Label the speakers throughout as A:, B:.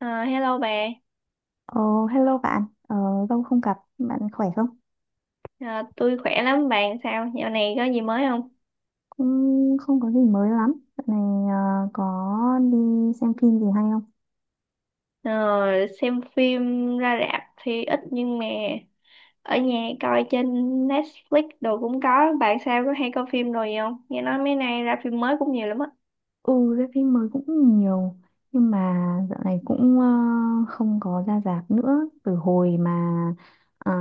A: Ờ, Hello bà.
B: Ờ, hello bạn, lâu không gặp, bạn khỏe không?
A: Ờ, tôi khỏe lắm, bạn sao? Dạo này có gì mới không?
B: Cũng không có gì mới lắm. Dạo này có đi xem phim gì hay không?
A: Ờ, xem phim ra rạp thì ít nhưng mà ở nhà coi trên Netflix đồ cũng có. Bạn sao có hay coi phim rồi gì không? Nghe nói mấy nay ra phim mới cũng nhiều lắm á.
B: Ừ, ra phim mới cũng nhiều, nhưng mà dạo này cũng không có ra rạp nữa. Từ hồi mà ờ,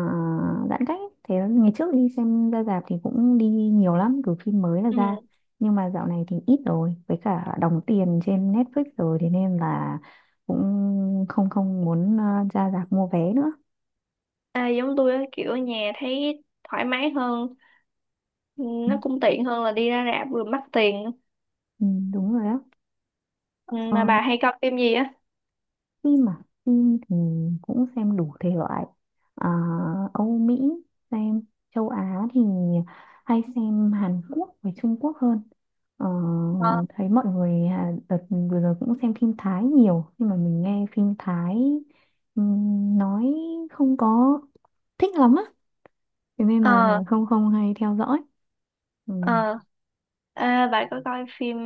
B: giãn cách, ấy. Thế ngày trước đi xem ra rạp thì cũng đi nhiều lắm, cứ phim mới là
A: Ừ.
B: ra. Nhưng mà dạo này thì ít rồi, với cả đóng tiền trên Netflix rồi, thế nên là cũng không không muốn ra rạp mua vé nữa.
A: À, giống tôi á, kiểu ở nhà thấy thoải mái hơn. Ừ, nó cũng tiện hơn là đi ra rạp vừa mắc tiền.
B: Ừ, đúng rồi đó.
A: Ừ, mà bà hay coi phim gì á?
B: Phim thì mình cũng xem đủ thể loại, à, Âu Mỹ, xem châu Á thì hay xem Hàn Quốc với Trung Quốc hơn. Ờ,
A: Ờ,
B: Thấy mọi người à, đợt vừa rồi cũng xem phim Thái nhiều, nhưng mà mình nghe phim Thái nói không có thích lắm á, thế nên
A: ờ,
B: mà không không hay theo dõi. Ừ.
A: ờ. À, bà có coi phim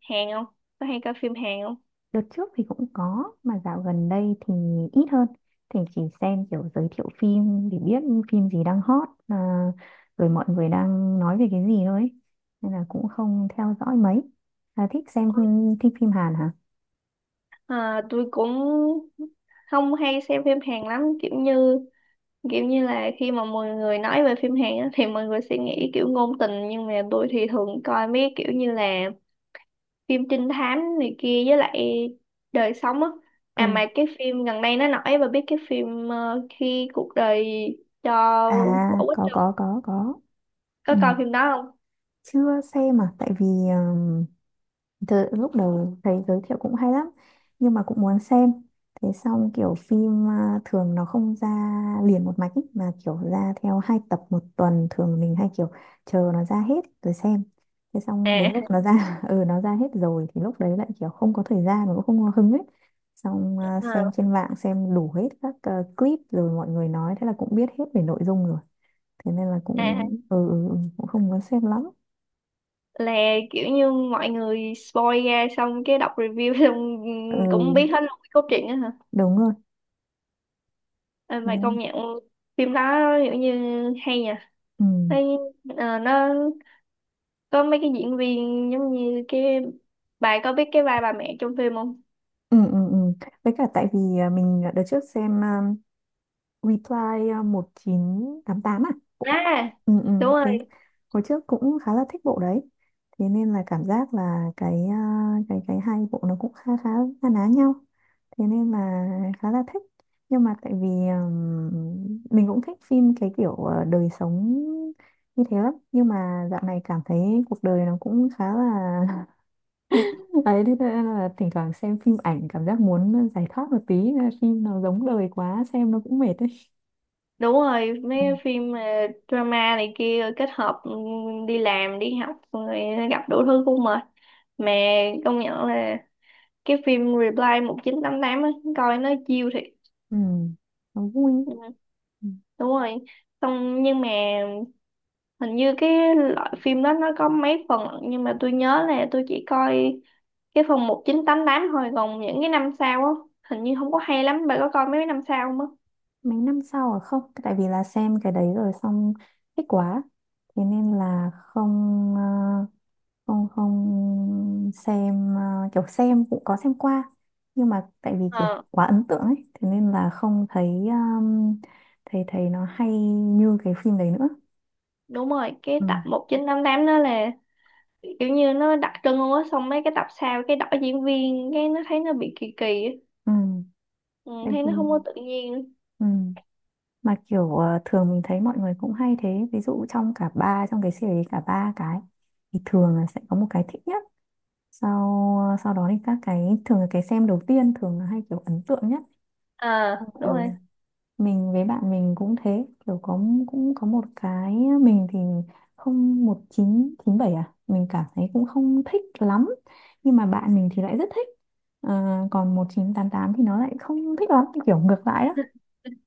A: Hàn không? Có hay coi phim Hàn không?
B: Đợt trước thì cũng có, mà dạo gần đây thì ít hơn, thì chỉ xem kiểu giới thiệu phim để biết phim gì đang hot à, rồi mọi người đang nói về cái gì thôi ấy. Nên là cũng không theo dõi mấy. À, thích phim Hàn hả?
A: À, tôi cũng không hay xem phim Hàn lắm, kiểu như là khi mà mọi người nói về phim Hàn á, thì mọi người sẽ nghĩ kiểu ngôn tình, nhưng mà tôi thì thường coi mấy kiểu như là phim trinh thám này kia, với lại đời sống á. À,
B: Ừ.
A: mà cái phim gần đây nó nổi, và biết cái phim Khi cuộc đời cho
B: À,
A: quả quýt không?
B: có có. Ừ.
A: Có coi phim đó không?
B: Chưa xem à, tại vì ờ, từ lúc đầu thấy giới thiệu cũng hay lắm nhưng mà cũng muốn xem. Thế xong kiểu phim à, thường nó không ra liền một mạch ý, mà kiểu ra theo hai tập một tuần, thường mình hay kiểu chờ nó ra hết rồi xem. Thế xong đến
A: À
B: lúc nó ra ừ, nó ra hết rồi thì lúc đấy lại kiểu không có thời gian mà cũng không có hứng ấy. Xong à, xem
A: à,
B: trên mạng, xem đủ hết các clip, rồi mọi người nói, thế là cũng biết hết về nội dung rồi. Thế nên là cũng
A: à,
B: cũng không có xem lắm.
A: là kiểu như mọi người spoil ra xong cái đọc review xong cũng
B: Ừ,
A: biết hết luôn cái cốt truyện á hả?
B: đúng rồi.
A: Ờ,
B: Ừ.
A: mày công nhận phim đó kiểu như hay nhỉ?
B: Ừ.
A: Thấy, nó có mấy cái diễn viên giống như cái, bà có biết cái vai bà mẹ trong phim không?
B: Ừ, ừ, ừ. Với cả tại vì à, mình đợt trước xem Reply à, 1988 à, cũng
A: À,
B: ừ, ừ.
A: đúng
B: Thế
A: rồi.
B: hồi trước cũng khá là thích bộ đấy, thế nên là cảm giác là cái à, cái hai bộ nó cũng khá khá na ná nhau, thế nên là khá là thích. Nhưng mà tại vì mình cũng thích phim cái kiểu đời sống như thế lắm, nhưng mà dạo này cảm thấy cuộc đời nó cũng khá là đấy, thế nên là thỉnh thoảng xem phim ảnh cảm giác muốn giải thoát một tí, nên là phim nó giống đời quá xem nó cũng mệt đấy.
A: Đúng rồi, mấy
B: Ừ.
A: cái phim drama này kia kết hợp, đi làm, đi học rồi gặp đủ thứ cũng mệt. Mà công nhận là cái phim Reply 1988 á, coi nó chill thiệt.
B: Ừ. Nó vui.
A: Ừ,
B: Ừ.
A: đúng rồi. Xong nhưng mà hình như cái loại phim đó nó có mấy phần, nhưng mà tôi nhớ là tôi chỉ coi cái phần 1988 thôi, còn những cái năm sau á hình như không có hay lắm. Bà có coi mấy năm sau không á?
B: Mấy năm sau à, không, tại vì là xem cái đấy rồi xong thích quá, thế nên là không xem, kiểu xem cũng có xem qua, nhưng mà tại vì kiểu
A: ờ
B: quá ấn tượng ấy, thế nên là không thấy thấy thấy nó hay như cái phim đấy nữa.
A: Đúng rồi, cái
B: Ừ.
A: tập 1988 đó là kiểu như nó đặc trưng luôn á, xong mấy cái tập sau cái đổi diễn viên cái nó thấy nó bị kỳ kỳ á.
B: Ừ.
A: Ừ,
B: Tại
A: thấy
B: vì
A: nó không có tự nhiên.
B: ừ. Mà kiểu thường mình thấy mọi người cũng hay thế, ví dụ trong cả ba, trong cái series cả ba cái, thì thường là sẽ có một cái thích nhất, sau sau đó thì các cái thường là cái xem đầu tiên thường là hay, kiểu ấn tượng nhất.
A: À, đúng
B: Ừ.
A: rồi.
B: Mình với bạn mình cũng thế, kiểu có cũng có một cái, mình thì không, 1997 à mình cảm thấy cũng không thích lắm, nhưng mà bạn mình thì lại rất thích. Ờ, Còn 1988 thì nó lại không thích lắm, kiểu ngược lại đó.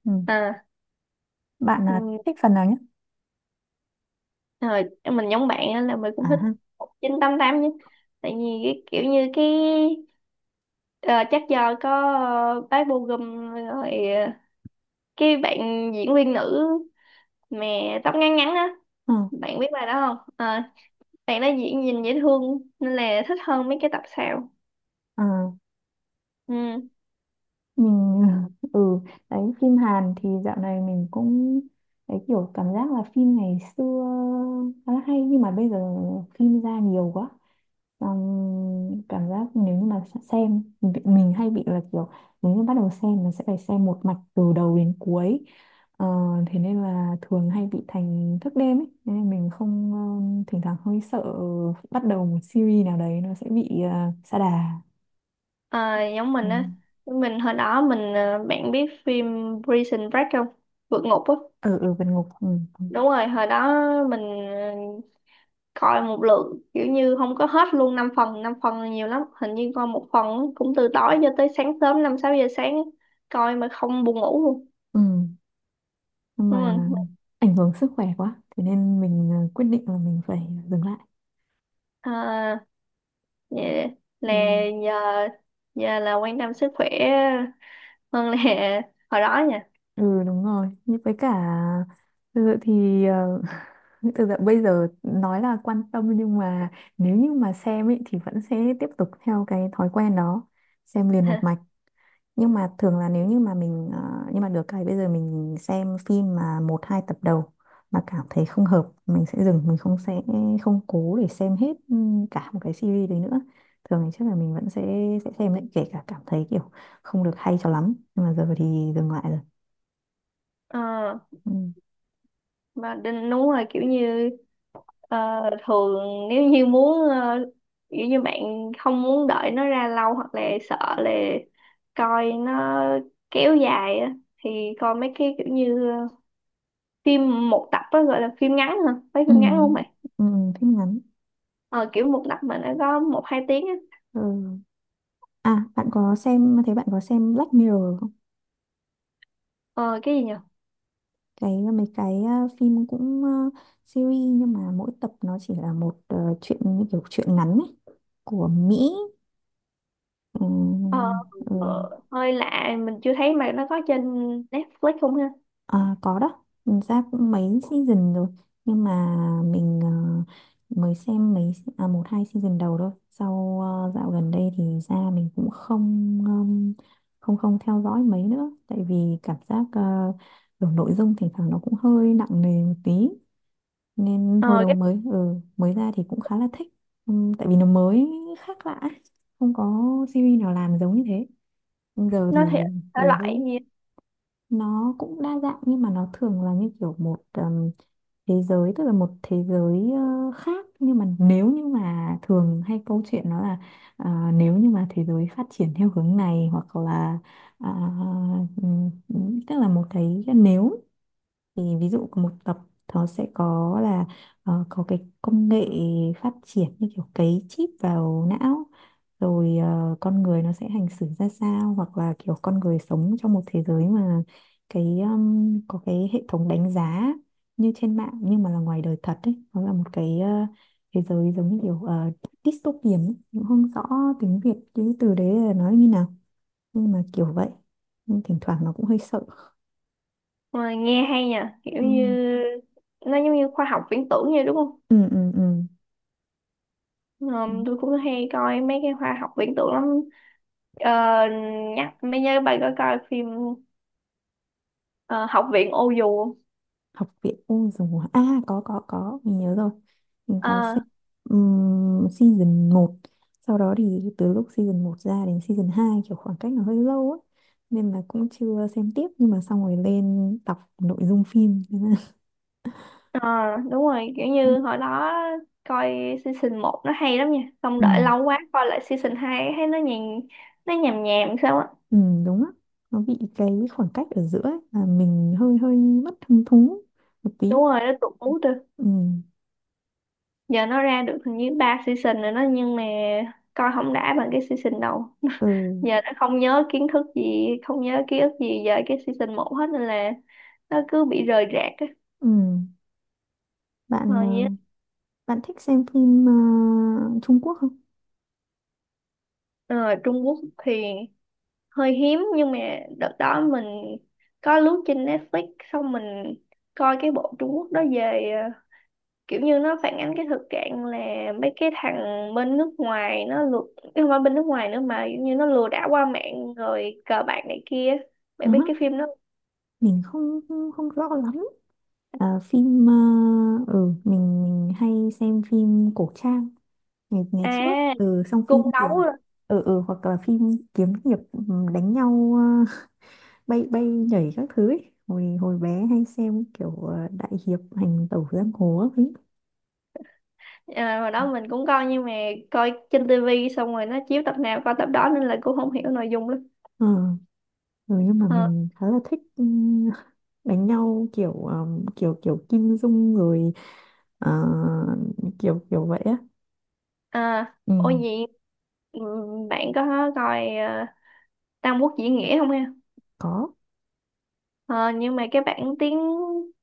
B: Ừ.
A: À,
B: Bạn
A: ừ.
B: là thích phần nào nhất?
A: Thời em mình giống bạn á, là mình
B: À
A: cũng thích
B: ha.
A: 1988 nhé. Tại vì cái kiểu như cái, ờ, chắc do có bác Bô Gum rồi, cái bạn diễn viên nữ mà tóc ngắn ngắn á,
B: Ờ,
A: bạn biết bài đó không? Ờ, bạn đó diễn nhìn dễ thương nên là thích hơn mấy cái tập sau.
B: ờ,
A: Ừ.
B: mình ừ, đấy phim Hàn thì dạo này mình cũng đấy, kiểu cảm giác là phim ngày xưa khá là hay nhưng mà bây giờ phim ra nhiều quá, xong cảm giác nếu như mà sẽ xem, mình hay bị là kiểu nếu như bắt đầu xem là sẽ phải xem một mạch từ đầu đến cuối. Ờ, Thế nên là thường hay bị thành thức đêm ấy. Thế nên mình không, thỉnh thoảng hơi sợ bắt đầu một series nào đấy, nó sẽ bị sa đà.
A: Ờ, giống
B: Ừ.
A: mình á, mình hồi đó mình, bạn biết phim Prison Break không? Vượt ngục á.
B: Ừ ừ vượt ngục, ừ, ừ,
A: Đúng rồi, hồi đó mình coi một lượng kiểu như không có hết luôn, 5 phần là nhiều lắm, hình như coi một phần cũng từ tối cho tới sáng sớm 5, 6 giờ sáng, coi mà không buồn ngủ luôn.
B: ừ. Nhưng
A: Đúng
B: mà
A: rồi.
B: ảnh hưởng sức khỏe quá, thế nên mình quyết định là mình phải dừng lại.
A: À, vậy là
B: Ừ,
A: giờ giờ là quan tâm sức khỏe hơn là hồi đó nha.
B: ừ, đúng rồi. Như với cả, thực sự thì thực sự bây giờ nói là quan tâm, nhưng mà nếu như mà xem ý, thì vẫn sẽ tiếp tục theo cái thói quen đó, xem liền một mạch. Nhưng mà thường là nếu như mà mình nhưng mà được cái bây giờ mình xem phim mà một hai tập đầu mà cảm thấy không hợp mình sẽ dừng, mình không, sẽ không cố để xem hết ừ, cả một cái series đấy nữa. Thường thì chắc là mình vẫn sẽ xem lại, kể cả cảm thấy kiểu không được hay cho lắm, nhưng mà giờ thì dừng lại rồi.
A: Ờ,
B: Ừ.
A: mà đinh, đúng rồi, kiểu như, Ờ, thường nếu như muốn, kiểu như bạn không muốn đợi nó ra lâu, hoặc là sợ là coi nó kéo dài á, thì coi mấy cái kiểu như phim một tập á, gọi là phim ngắn hả? Mấy
B: Ừ.
A: phim ngắn không mày?
B: Ừ. Phim ngắn.
A: Ờ, Kiểu một tập mà nó có 1, 2 tiếng á.
B: Ừ. À bạn có xem thấy bạn có xem Black Mirror không?
A: Ờ, cái gì nhỉ?
B: Cái mấy cái phim cũng series nhưng mà mỗi tập nó chỉ là một chuyện như kiểu chuyện ngắn ấy, của Mỹ. Ừ,
A: ờ,
B: ừ.
A: Hơi lạ, mình chưa thấy. Mà nó có trên Netflix không ha?
B: À, có đó. Mình ra cũng mấy season rồi, nhưng mà mình mới xem mấy à, một hai season đầu thôi, sau dạo gần đây thì ra mình cũng không không theo dõi mấy nữa, tại vì cảm giác kiểu nội dung thỉnh thoảng nó cũng hơi nặng nề một tí, nên hồi
A: Ờ,
B: đầu
A: cái
B: mới, ừ, mới ra thì cũng khá là thích. Tại vì nó mới khác lạ ấy. Không có series nào làm giống như thế. Nhưng giờ
A: nó thì
B: thì
A: thể loại
B: thấy
A: gì?
B: nó cũng đa dạng, nhưng mà nó thường là như kiểu một thế giới, tức là một thế giới khác, nhưng mà nếu như mà thường hay câu chuyện nó là à, nếu như mà thế giới phát triển theo hướng này hoặc là à, tức là một cái nếu, thì ví dụ có một tập nó sẽ có là có cái công nghệ phát triển như kiểu cấy chip vào não, rồi con người nó sẽ hành xử ra sao, hoặc là kiểu con người sống trong một thế giới mà cái có cái hệ thống đánh giá như trên mạng nhưng mà là ngoài đời thật ấy, nó là một cái thế giới giống như kiểu dystopian ấy. Cũng không rõ tiếng Việt cái từ đấy là nói như nào, nhưng mà kiểu vậy, nhưng thỉnh thoảng nó cũng hơi sợ.
A: Ờ, Nghe hay nhỉ, kiểu
B: Ừ
A: như nó giống như khoa học viễn tưởng vậy đúng không?
B: ừ ừ, ừ.
A: Tôi cũng hay coi mấy cái khoa học viễn tưởng lắm. Ờ, Nhắc mấy nhớ, bạn có coi phim ờ, Học viện Ô Dù không?
B: Học viện ôi dùng à, có, mình nhớ rồi, mình có
A: Ờ,
B: xem season một. Sau đó thì từ lúc season một ra đến season 2 kiểu khoảng cách nó hơi lâu á, nên là cũng chưa xem tiếp, nhưng mà xong rồi lên đọc nội dung phim thế là
A: ờ, Đúng rồi, kiểu như hồi đó coi season 1 nó hay lắm nha, xong
B: ừ,
A: đợi lâu quá coi lại season 2 thấy nó nhàn, nó nhàm nhàm sao á.
B: ừ, đúng á, nó bị cái khoảng cách ở giữa ấy, là mình hơi hơi mất hứng thú một tí.
A: Đúng rồi, nó tụt mút rồi.
B: Ừ
A: Giờ nó ra được hình như 3 season rồi đó, nhưng mà coi không đã bằng cái season đầu.
B: ừ,
A: Giờ đã không nhớ kiến thức gì, không nhớ ký ức gì về cái season 1 hết nên là nó cứ bị rời rạc.
B: ừ.
A: Ờ,
B: Bạn, ờ,
A: dạ.
B: bạn thích xem phim Trung Quốc
A: Ờ, Trung Quốc thì hơi hiếm, nhưng mà đợt đó mình có lướt trên Netflix xong mình coi cái bộ Trung Quốc đó về, kiểu như nó phản ánh cái thực trạng là mấy cái thằng bên nước ngoài nó lừa, chứ không phải bên nước ngoài nữa mà kiểu như nó lừa đảo qua mạng rồi cờ bạc này kia. Bạn biết
B: không?
A: cái phim đó?
B: Mình không không, không rõ lắm. À, phim ừ mình hay xem phim cổ trang ngày ngày trước,
A: À,
B: ừ, xong phim
A: cung
B: thì
A: đấu rồi.
B: ừ ừ hoặc là phim kiếm hiệp, ừ, đánh nhau ờ, bay bay nhảy các thứ ấy. Hồi hồi bé hay xem kiểu đại hiệp hành tẩu giang hồ ấy.
A: À, hồi đó mình cũng coi nhưng mà coi trên tivi, xong rồi nó chiếu tập nào coi tập đó nên là cũng không hiểu nội dung lắm.
B: Ờ, ừ, nhưng mà
A: Ờ,
B: mình khá là thích ừ, đánh nhau kiểu kiểu kiểu Kim Dung rồi, ờ, kiểu kiểu vậy á.
A: À,
B: Ừ,
A: ôi gì, bạn có coi Tam Quốc Diễn Nghĩa không em?
B: có.
A: Ờ, nhưng mà cái bản tiếng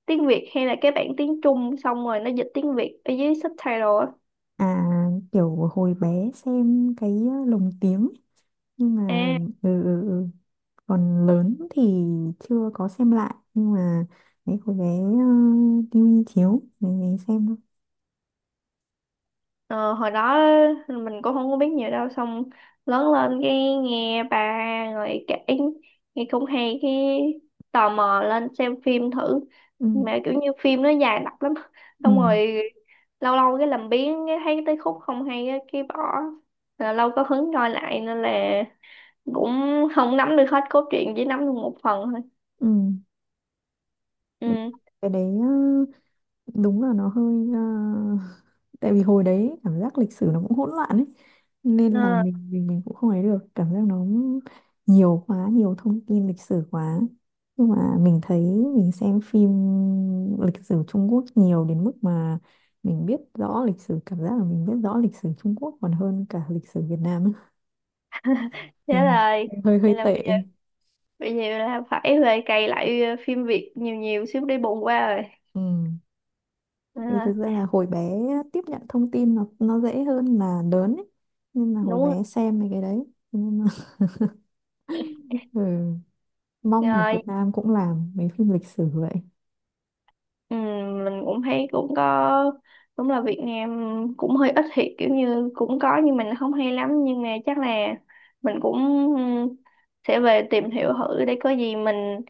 A: tiếng Việt hay là cái bản tiếng Trung xong rồi nó dịch tiếng Việt ở dưới subtitle á?
B: À, kiểu hồi bé xem cái lồng tiếng, nhưng mà
A: À
B: ừ, ừ, ừ. Còn lớn thì chưa có xem lại, nhưng mà đấy hồi bé tivi chiếu thì mình xem thôi.
A: Ờ, hồi đó mình cũng không có biết nhiều đâu, xong lớn lên cái nghe ba người kể nghe cũng hay, cái tò mò lên xem phim thử.
B: Ừ,
A: Mà kiểu như phim nó dài đặc lắm,
B: ừ,
A: xong rồi lâu lâu cái làm biếng, cái thấy tới khúc không hay á, cái bỏ. Là lâu có hứng coi lại nên là cũng không nắm được hết cốt truyện, chỉ nắm được một phần thôi.
B: ừ.
A: Ừ.
B: Cái đấy đúng là nó hơi tại vì hồi đấy cảm giác lịch sử nó cũng hỗn loạn ấy, nên là
A: Ờ,
B: mình cũng không ấy được cảm giác nó nhiều quá, nhiều thông tin lịch sử quá, nhưng mà mình thấy mình xem phim lịch sử Trung Quốc nhiều đến mức mà mình biết rõ lịch sử, cảm giác là mình biết rõ lịch sử Trung Quốc còn hơn cả lịch sử Việt Nam ấy.
A: Thế
B: Ừ.
A: rồi,
B: Hơi
A: vậy
B: hơi
A: là
B: tệ.
A: bây giờ là phải về cày lại phim Việt nhiều nhiều xíu để bù qua rồi.
B: Ừ. Vì thực
A: À,
B: ra là hồi bé tiếp nhận thông tin nó dễ hơn là lớn ấy. Nên là hồi
A: đúng rồi.
B: bé xem mấy cái đấy. Nhưng mà ừ, mong ở Việt
A: Rồi,
B: Nam cũng làm mấy phim lịch sử vậy.
A: ừ, mình cũng thấy cũng có, đúng là Việt Nam cũng hơi ít thiệt, kiểu như cũng có nhưng mình không hay lắm. Nhưng mà chắc là mình cũng, ừ, sẽ về tìm hiểu thử để có gì mình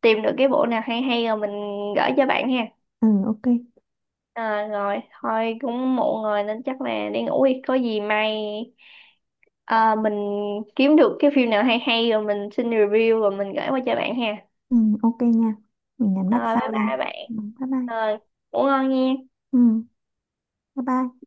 A: tìm được cái bộ nào hay hay rồi mình gửi cho bạn ha.
B: Ừ, ok.
A: À, rồi thôi cũng muộn rồi nên chắc là đi ngủ đi, có gì mai, à, mình kiếm được cái phim nào hay hay rồi mình xin review rồi mình gửi qua cho bạn ha.
B: Ừ, ok nha. Mình nhắn đặt
A: Rồi bye
B: sau nha.
A: bye bạn.
B: Ừ, Bye bye.
A: Rồi, ngủ ngon nha.
B: Ừ, bye bye.